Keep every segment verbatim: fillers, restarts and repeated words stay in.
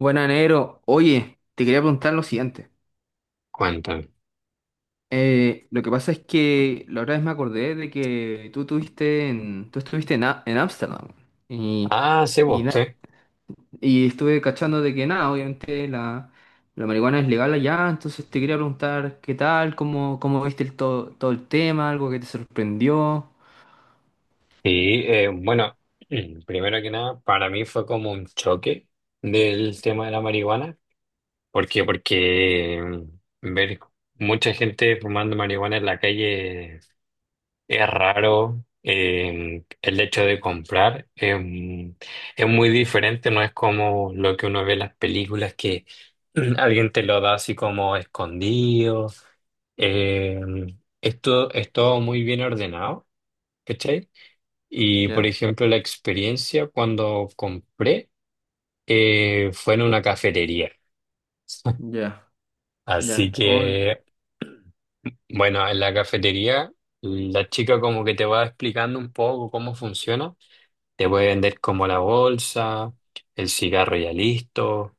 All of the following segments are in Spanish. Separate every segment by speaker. Speaker 1: Buena, negro. Oye, te quería preguntar lo siguiente.
Speaker 2: Cuéntame.
Speaker 1: Eh, lo que pasa es que la otra vez me acordé de que tú tuviste en, tú estuviste en A- en Ámsterdam. Y,
Speaker 2: Ah, sí,
Speaker 1: y,
Speaker 2: vos, sí.
Speaker 1: na- y estuve cachando de que nada, obviamente la, la marihuana es legal allá, entonces te quería preguntar qué tal, cómo, cómo viste el todo, todo el tema, algo que te sorprendió.
Speaker 2: Y eh, bueno, primero que nada, para mí fue como un choque del tema de la marihuana. ¿Por qué? Porque mm, ver mucha gente fumando marihuana en la calle es raro. Eh, el hecho de comprar eh, es muy diferente, no es como lo que uno ve en las películas que alguien te lo da así como escondido. eh, Esto es todo muy bien ordenado, ¿cachai? Y por
Speaker 1: Ya,
Speaker 2: ejemplo, la experiencia cuando compré eh, fue en una cafetería.
Speaker 1: ya,
Speaker 2: Así
Speaker 1: ya. O-
Speaker 2: que, bueno, en la cafetería la chica como que te va explicando un poco cómo funciona. Te puede vender como la bolsa, el cigarro ya listo.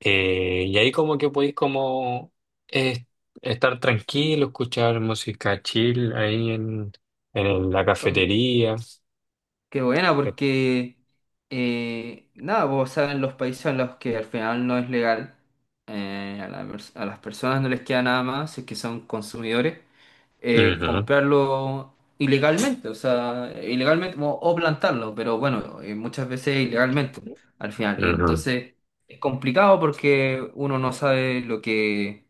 Speaker 2: eh, Y ahí como que podéis como eh, estar tranquilo, escuchar música chill ahí en,
Speaker 1: o-
Speaker 2: en la
Speaker 1: ok.
Speaker 2: cafetería.
Speaker 1: Qué buena, porque eh, nada, pues, vos sabes en los países en los que al final no es legal, eh, a, la pers- a las personas no les queda nada más, si es que son consumidores, eh,
Speaker 2: Ujú,
Speaker 1: comprarlo ilegalmente, o sea, ilegalmente o, o plantarlo, pero bueno, eh, muchas veces ilegalmente al final. Y
Speaker 2: ujú.
Speaker 1: entonces es complicado porque uno no sabe lo que,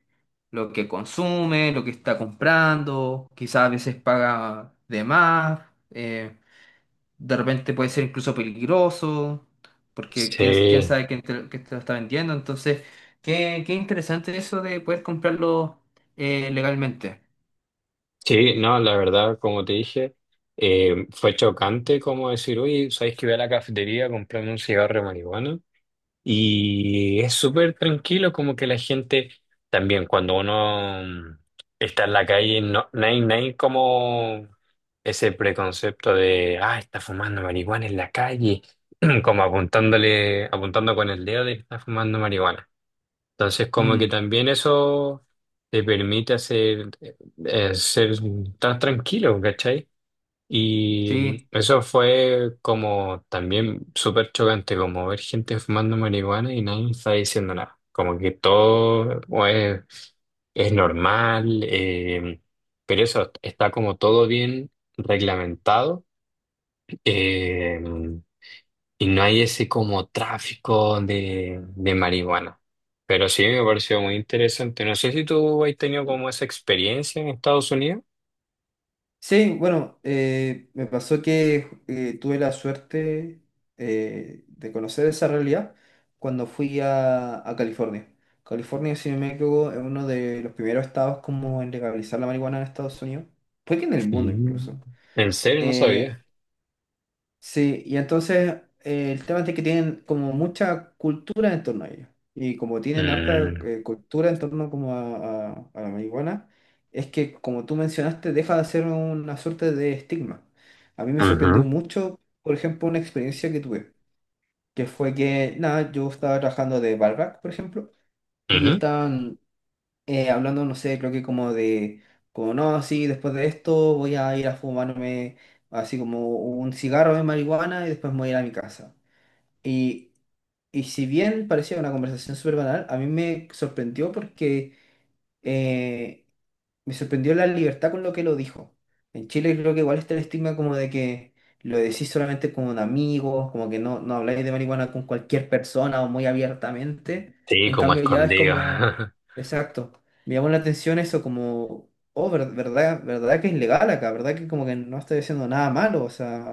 Speaker 1: lo que consume, lo que está comprando, quizás a veces paga de más. Eh, de repente puede ser incluso peligroso, porque quién, quién
Speaker 2: Sí.
Speaker 1: sabe quién te, quién te lo está vendiendo. Entonces, qué, qué interesante eso de poder comprarlo eh, legalmente.
Speaker 2: Sí, no, la verdad, como te dije, eh, fue chocante como decir, oye, ¿sabes que voy a la cafetería a comprarme un cigarro de marihuana? Y es súper tranquilo, como que la gente también, cuando uno mm, está en la calle, no, no hay, no hay como ese preconcepto de, ah, está fumando marihuana en la calle, como apuntándole, apuntando con el dedo de que está fumando marihuana. Entonces, como que
Speaker 1: Mm,
Speaker 2: también eso te permite hacer, eh, ser tan tranquilo, ¿cachai? Y mm,
Speaker 1: sí.
Speaker 2: eso fue como también súper chocante, como ver gente fumando marihuana y nadie está diciendo nada. Como que todo o es, es normal, eh, pero eso está como todo bien reglamentado. eh, y no hay ese como tráfico de, de marihuana. Pero sí me pareció muy interesante. No sé si tú has tenido como esa experiencia en Estados Unidos.
Speaker 1: Sí, bueno, eh, me pasó que eh, tuve la suerte eh, de conocer esa realidad cuando fui a, a California. California, si no me equivoco, es uno de los primeros estados como en legalizar la marihuana en Estados Unidos. Fue que en el mundo
Speaker 2: Mm.
Speaker 1: incluso.
Speaker 2: En serio, no
Speaker 1: Eh,
Speaker 2: sabía.
Speaker 1: Sí, y entonces eh, el tema es de que tienen como mucha cultura en torno a ello. Y como tienen harta
Speaker 2: Mm.
Speaker 1: eh, cultura en torno como a, a- a la marihuana, es que como tú mencionaste, deja de ser una suerte de estigma. A mí me sorprendió
Speaker 2: Ujú.
Speaker 1: mucho, por ejemplo, una experiencia que tuve, que fue que, nada, yo estaba trabajando de barback, por ejemplo, y
Speaker 2: Ujú.
Speaker 1: estaban eh, hablando, no sé, creo que como de, como no, sí, después de esto voy a ir a fumarme así como un cigarro de marihuana y después me voy a ir a mi casa. Y, y si bien parecía una conversación súper banal, a mí me sorprendió porque eh, me sorprendió la libertad con lo que lo dijo. En Chile creo que igual está el estigma como de que lo decís solamente con amigos, como que no, no habláis de marihuana con cualquier persona o muy abiertamente.
Speaker 2: Sí,
Speaker 1: En
Speaker 2: como
Speaker 1: cambio ya es
Speaker 2: escondido.
Speaker 1: como, exacto, me llamó la atención eso como, oh, ver- verdad, verdad que es legal acá, verdad que como que no estoy diciendo nada malo, o sea,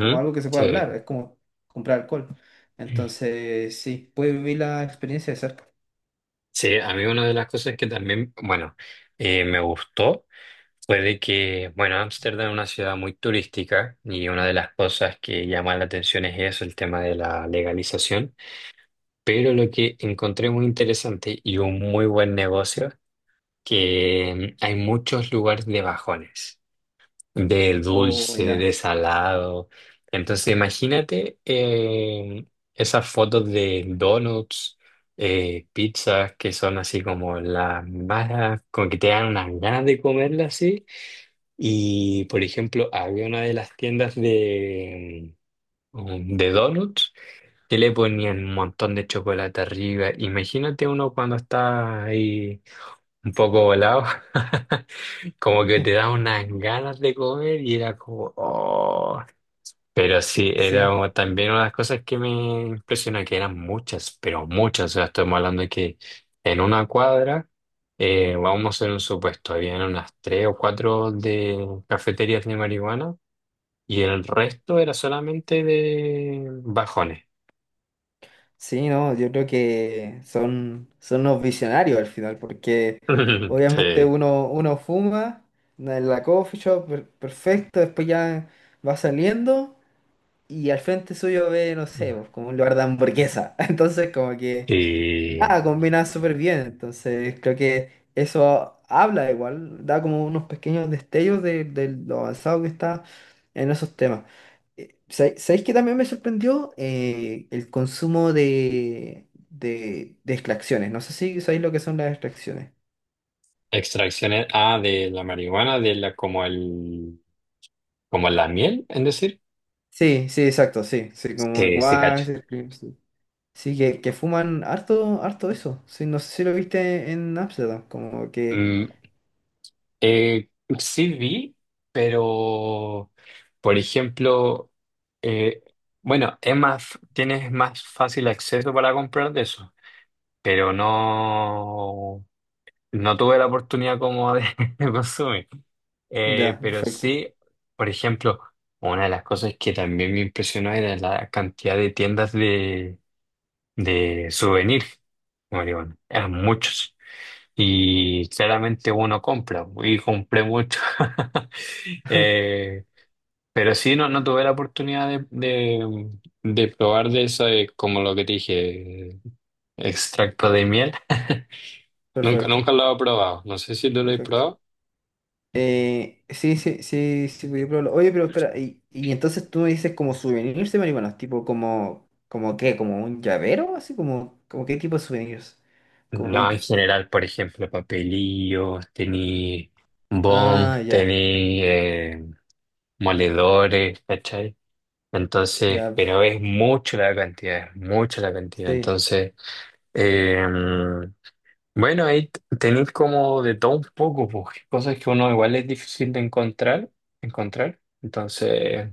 Speaker 1: como algo que se puede
Speaker 2: Sí.
Speaker 1: hablar, es como comprar alcohol. Entonces, sí, puede vivir la experiencia de cerca.
Speaker 2: Sí, a mí una de las cosas que también, bueno, eh, me gustó fue de que, bueno, Ámsterdam es una ciudad muy turística y una de las cosas que llama la atención es eso, el tema de la legalización. Pero lo que encontré muy interesante y un muy buen negocio, que hay muchos lugares de bajones, de
Speaker 1: Oh,
Speaker 2: dulce,
Speaker 1: ya.
Speaker 2: de salado. Entonces imagínate eh, esas fotos de donuts, eh, pizzas, que son así como las más, como que te dan unas ganas de comerlas así. Y por ejemplo, había una de las tiendas de, mm, de donuts que le ponían un montón de chocolate arriba. Imagínate uno cuando está ahí un poco volado, como que te da unas ganas de comer y era como, oh. Pero sí, era
Speaker 1: Sí.
Speaker 2: como también una de las cosas que me impresionó, que eran muchas, pero muchas. O sea, estamos hablando de que en una cuadra, eh, vamos en un supuesto, habían unas tres o cuatro de cafeterías de marihuana y el resto era solamente de bajones.
Speaker 1: Sí, no, yo creo que son, son unos visionarios al final, porque obviamente
Speaker 2: Sí.
Speaker 1: uno, uno fuma en la coffee shop, per- perfecto, después ya va saliendo y al frente suyo ve, no sé, pues, como un lugar de hamburguesa. Entonces como que
Speaker 2: Y
Speaker 1: nada, combina súper bien, entonces creo que eso habla igual, da como unos pequeños destellos de, de lo avanzado que está en esos temas. Eh, ¿sabe- ¿Sabéis que también me sorprendió eh, el consumo de, de, de extracciones? No sé si sabéis lo que son las extracciones.
Speaker 2: extracciones, ah, de la marihuana, de la, como el, como la miel, es decir.
Speaker 1: Sí, sí, exacto, sí, sí, como el
Speaker 2: Sí, sí, cacho.
Speaker 1: guas, el cream, sí. Sí, que, que fuman harto, harto eso. Sí, no sé si lo viste en Amsterdam, como que...
Speaker 2: Mm, eh, sí vi, pero, por ejemplo, eh, bueno, es más, tienes más fácil acceso para comprar de eso, pero no, no tuve la oportunidad como de, de consumir. Eh,
Speaker 1: Ya,
Speaker 2: pero
Speaker 1: perfecto,
Speaker 2: sí, por ejemplo, una de las cosas que también me impresionó era la cantidad de tiendas de, de souvenir. Como digo, eran muchos. Y claramente uno compra, y compré mucho. Eh, pero sí, no, no tuve la oportunidad de, de, de probar de eso, eh, como lo que te dije, extracto de miel. Nunca,
Speaker 1: perfecto,
Speaker 2: nunca lo he probado. No sé si tú lo has
Speaker 1: perfecto.
Speaker 2: probado.
Speaker 1: Eh, sí, sí, sí, sí, podía probarlo. Oye, pero espera, y, y entonces tú me dices como souvenirs de marihuanos, tipo como, como qué, como un llavero, así como, como qué tipo de souvenirs. Como no-
Speaker 2: No, en general, por ejemplo, papelillos, tení bong,
Speaker 1: Ah, ya,
Speaker 2: tení eh, moledores, ¿cachai? Entonces,
Speaker 1: ya,
Speaker 2: pero es mucho la cantidad, es mucho la cantidad.
Speaker 1: sí,
Speaker 2: Entonces, eh, bueno, ahí t- tenéis como de todo un poco, pues, cosas que uno igual es difícil de encontrar, encontrar. Entonces,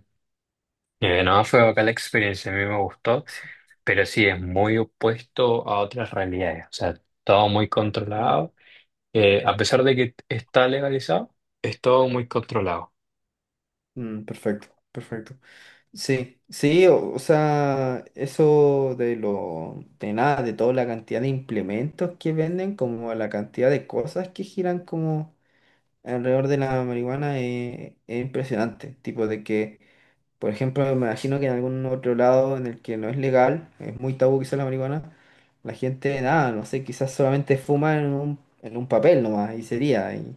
Speaker 2: eh, no, fue acá la experiencia, a mí me gustó,
Speaker 1: sí.
Speaker 2: pero sí es muy opuesto a otras realidades. O sea, todo muy
Speaker 1: Mm,
Speaker 2: controlado eh, a pesar de que está legalizado. Es todo muy controlado.
Speaker 1: mm, perfecto, perfecto. Sí, sí, o, o sea, eso de lo, de nada, de toda la cantidad de implementos que venden, como la cantidad de cosas que giran como alrededor de la marihuana eh, es impresionante. Tipo de que, por ejemplo, me imagino que en algún otro lado en el que no es legal, es muy tabú quizás la marihuana, la gente, nada, no sé, quizás solamente fuma en un, en un papel nomás y sería, y,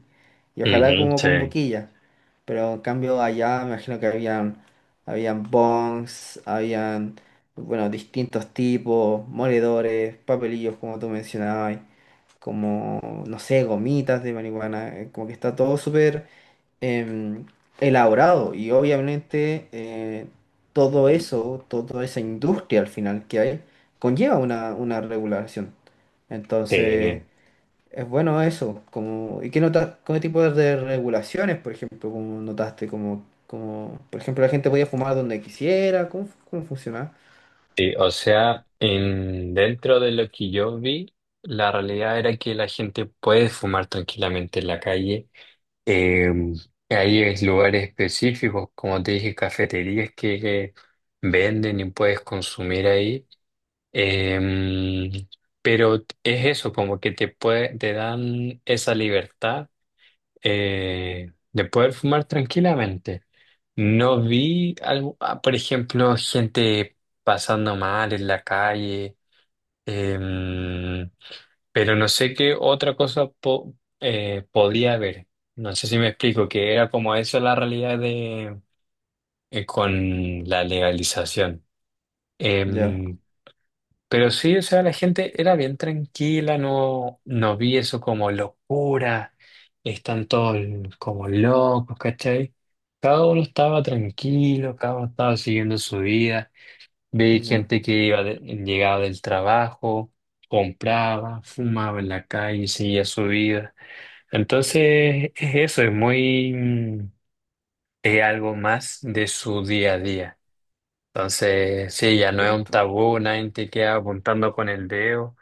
Speaker 1: y ojalá
Speaker 2: Ujú,
Speaker 1: como con
Speaker 2: sí,
Speaker 1: boquilla. Pero en cambio allá me imagino que habían, habían bongs, habían, bueno, distintos tipos, moledores, papelillos como tú mencionabas como, no sé, gomitas de marihuana, eh, como que está todo súper em, elaborado y obviamente eh, todo eso, toda esa industria al final que hay, conlleva una, una regulación. Entonces,
Speaker 2: sí,
Speaker 1: es bueno eso, como, ¿y qué notas, qué tipo de regulaciones, por ejemplo, como notaste, como, como, por ejemplo, la gente podía fumar donde quisiera? ¿Cómo, cómo funciona?
Speaker 2: sí. O sea, en, dentro de lo que yo vi, la realidad era que la gente puede fumar tranquilamente en la calle. Eh, Hay es- lugares específicos, como te dije, cafeterías que, que venden y puedes consumir ahí. Eh, pero es eso, como que te puede, te dan esa libertad eh, de poder fumar tranquilamente. No vi, algo- ah, por ejemplo, gente pasando mal en la calle, em, pero no sé qué otra cosa po- eh, podría haber. No sé si me explico, que era como eso la realidad de, eh, con la legalización.
Speaker 1: Ya,
Speaker 2: Em, pero sí, o sea, la gente era bien tranquila, no, no vi eso como locura, están todos como locos, ¿cachai? Cada uno estaba tranquilo, cada uno estaba siguiendo su vida. Vi
Speaker 1: ya,
Speaker 2: gente que iba de- llegaba del trabajo, compraba, fumaba en la calle, seguía su vida. Entonces, es eso, es muy, mm, es algo más de su día a día. Entonces, sí, ya no es un
Speaker 1: perfecto.
Speaker 2: tabú, nadie te queda apuntando con el dedo.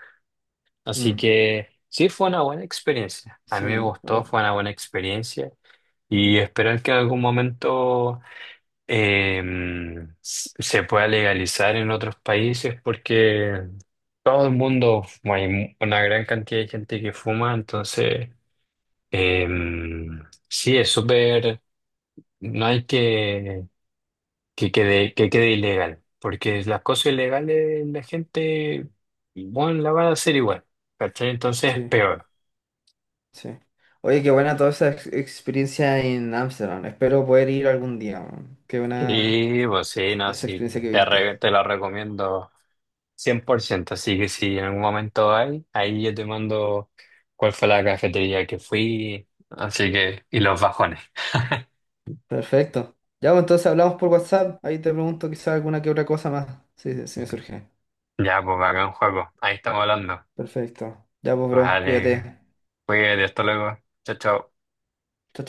Speaker 2: Así
Speaker 1: Mm,
Speaker 2: que sí, fue una buena experiencia. A
Speaker 1: sí,
Speaker 2: mí me gustó, fue
Speaker 1: o-
Speaker 2: una buena experiencia. Y esperar que en algún momento eh, s- se pueda legalizar en otros países porque todo el mundo, bueno, hay mu- una gran cantidad de gente que fuma, entonces eh, sí, es súper, no hay que que quede, que quede ilegal, porque las cosas ilegales la gente, bueno, la va a hacer igual, ¿cachai? Entonces es
Speaker 1: sí.
Speaker 2: peor.
Speaker 1: Sí. Oye, qué buena toda esa ex- experiencia en Ámsterdam. Espero poder ir algún día, weón. Qué buena
Speaker 2: Y pues sí, no,
Speaker 1: esa
Speaker 2: sí,
Speaker 1: experiencia que
Speaker 2: te,
Speaker 1: viste.
Speaker 2: re- te la recomiendo cien por ciento. Así que si en algún momento hay, ahí yo te mando cuál fue la cafetería que fui. Así que, y los bajones.
Speaker 1: Perfecto. Ya, pues, entonces hablamos por WhatsApp. Ahí te pregunto quizá alguna que otra cosa más. Sí, sí, sí me surge.
Speaker 2: Ya, pues acá en juego. Ahí estamos hablando.
Speaker 1: Perfecto. Ya, pues, bro,
Speaker 2: Vale,
Speaker 1: cuídate.
Speaker 2: cuídate, hasta luego. Chao, chao.
Speaker 1: Chao, chao.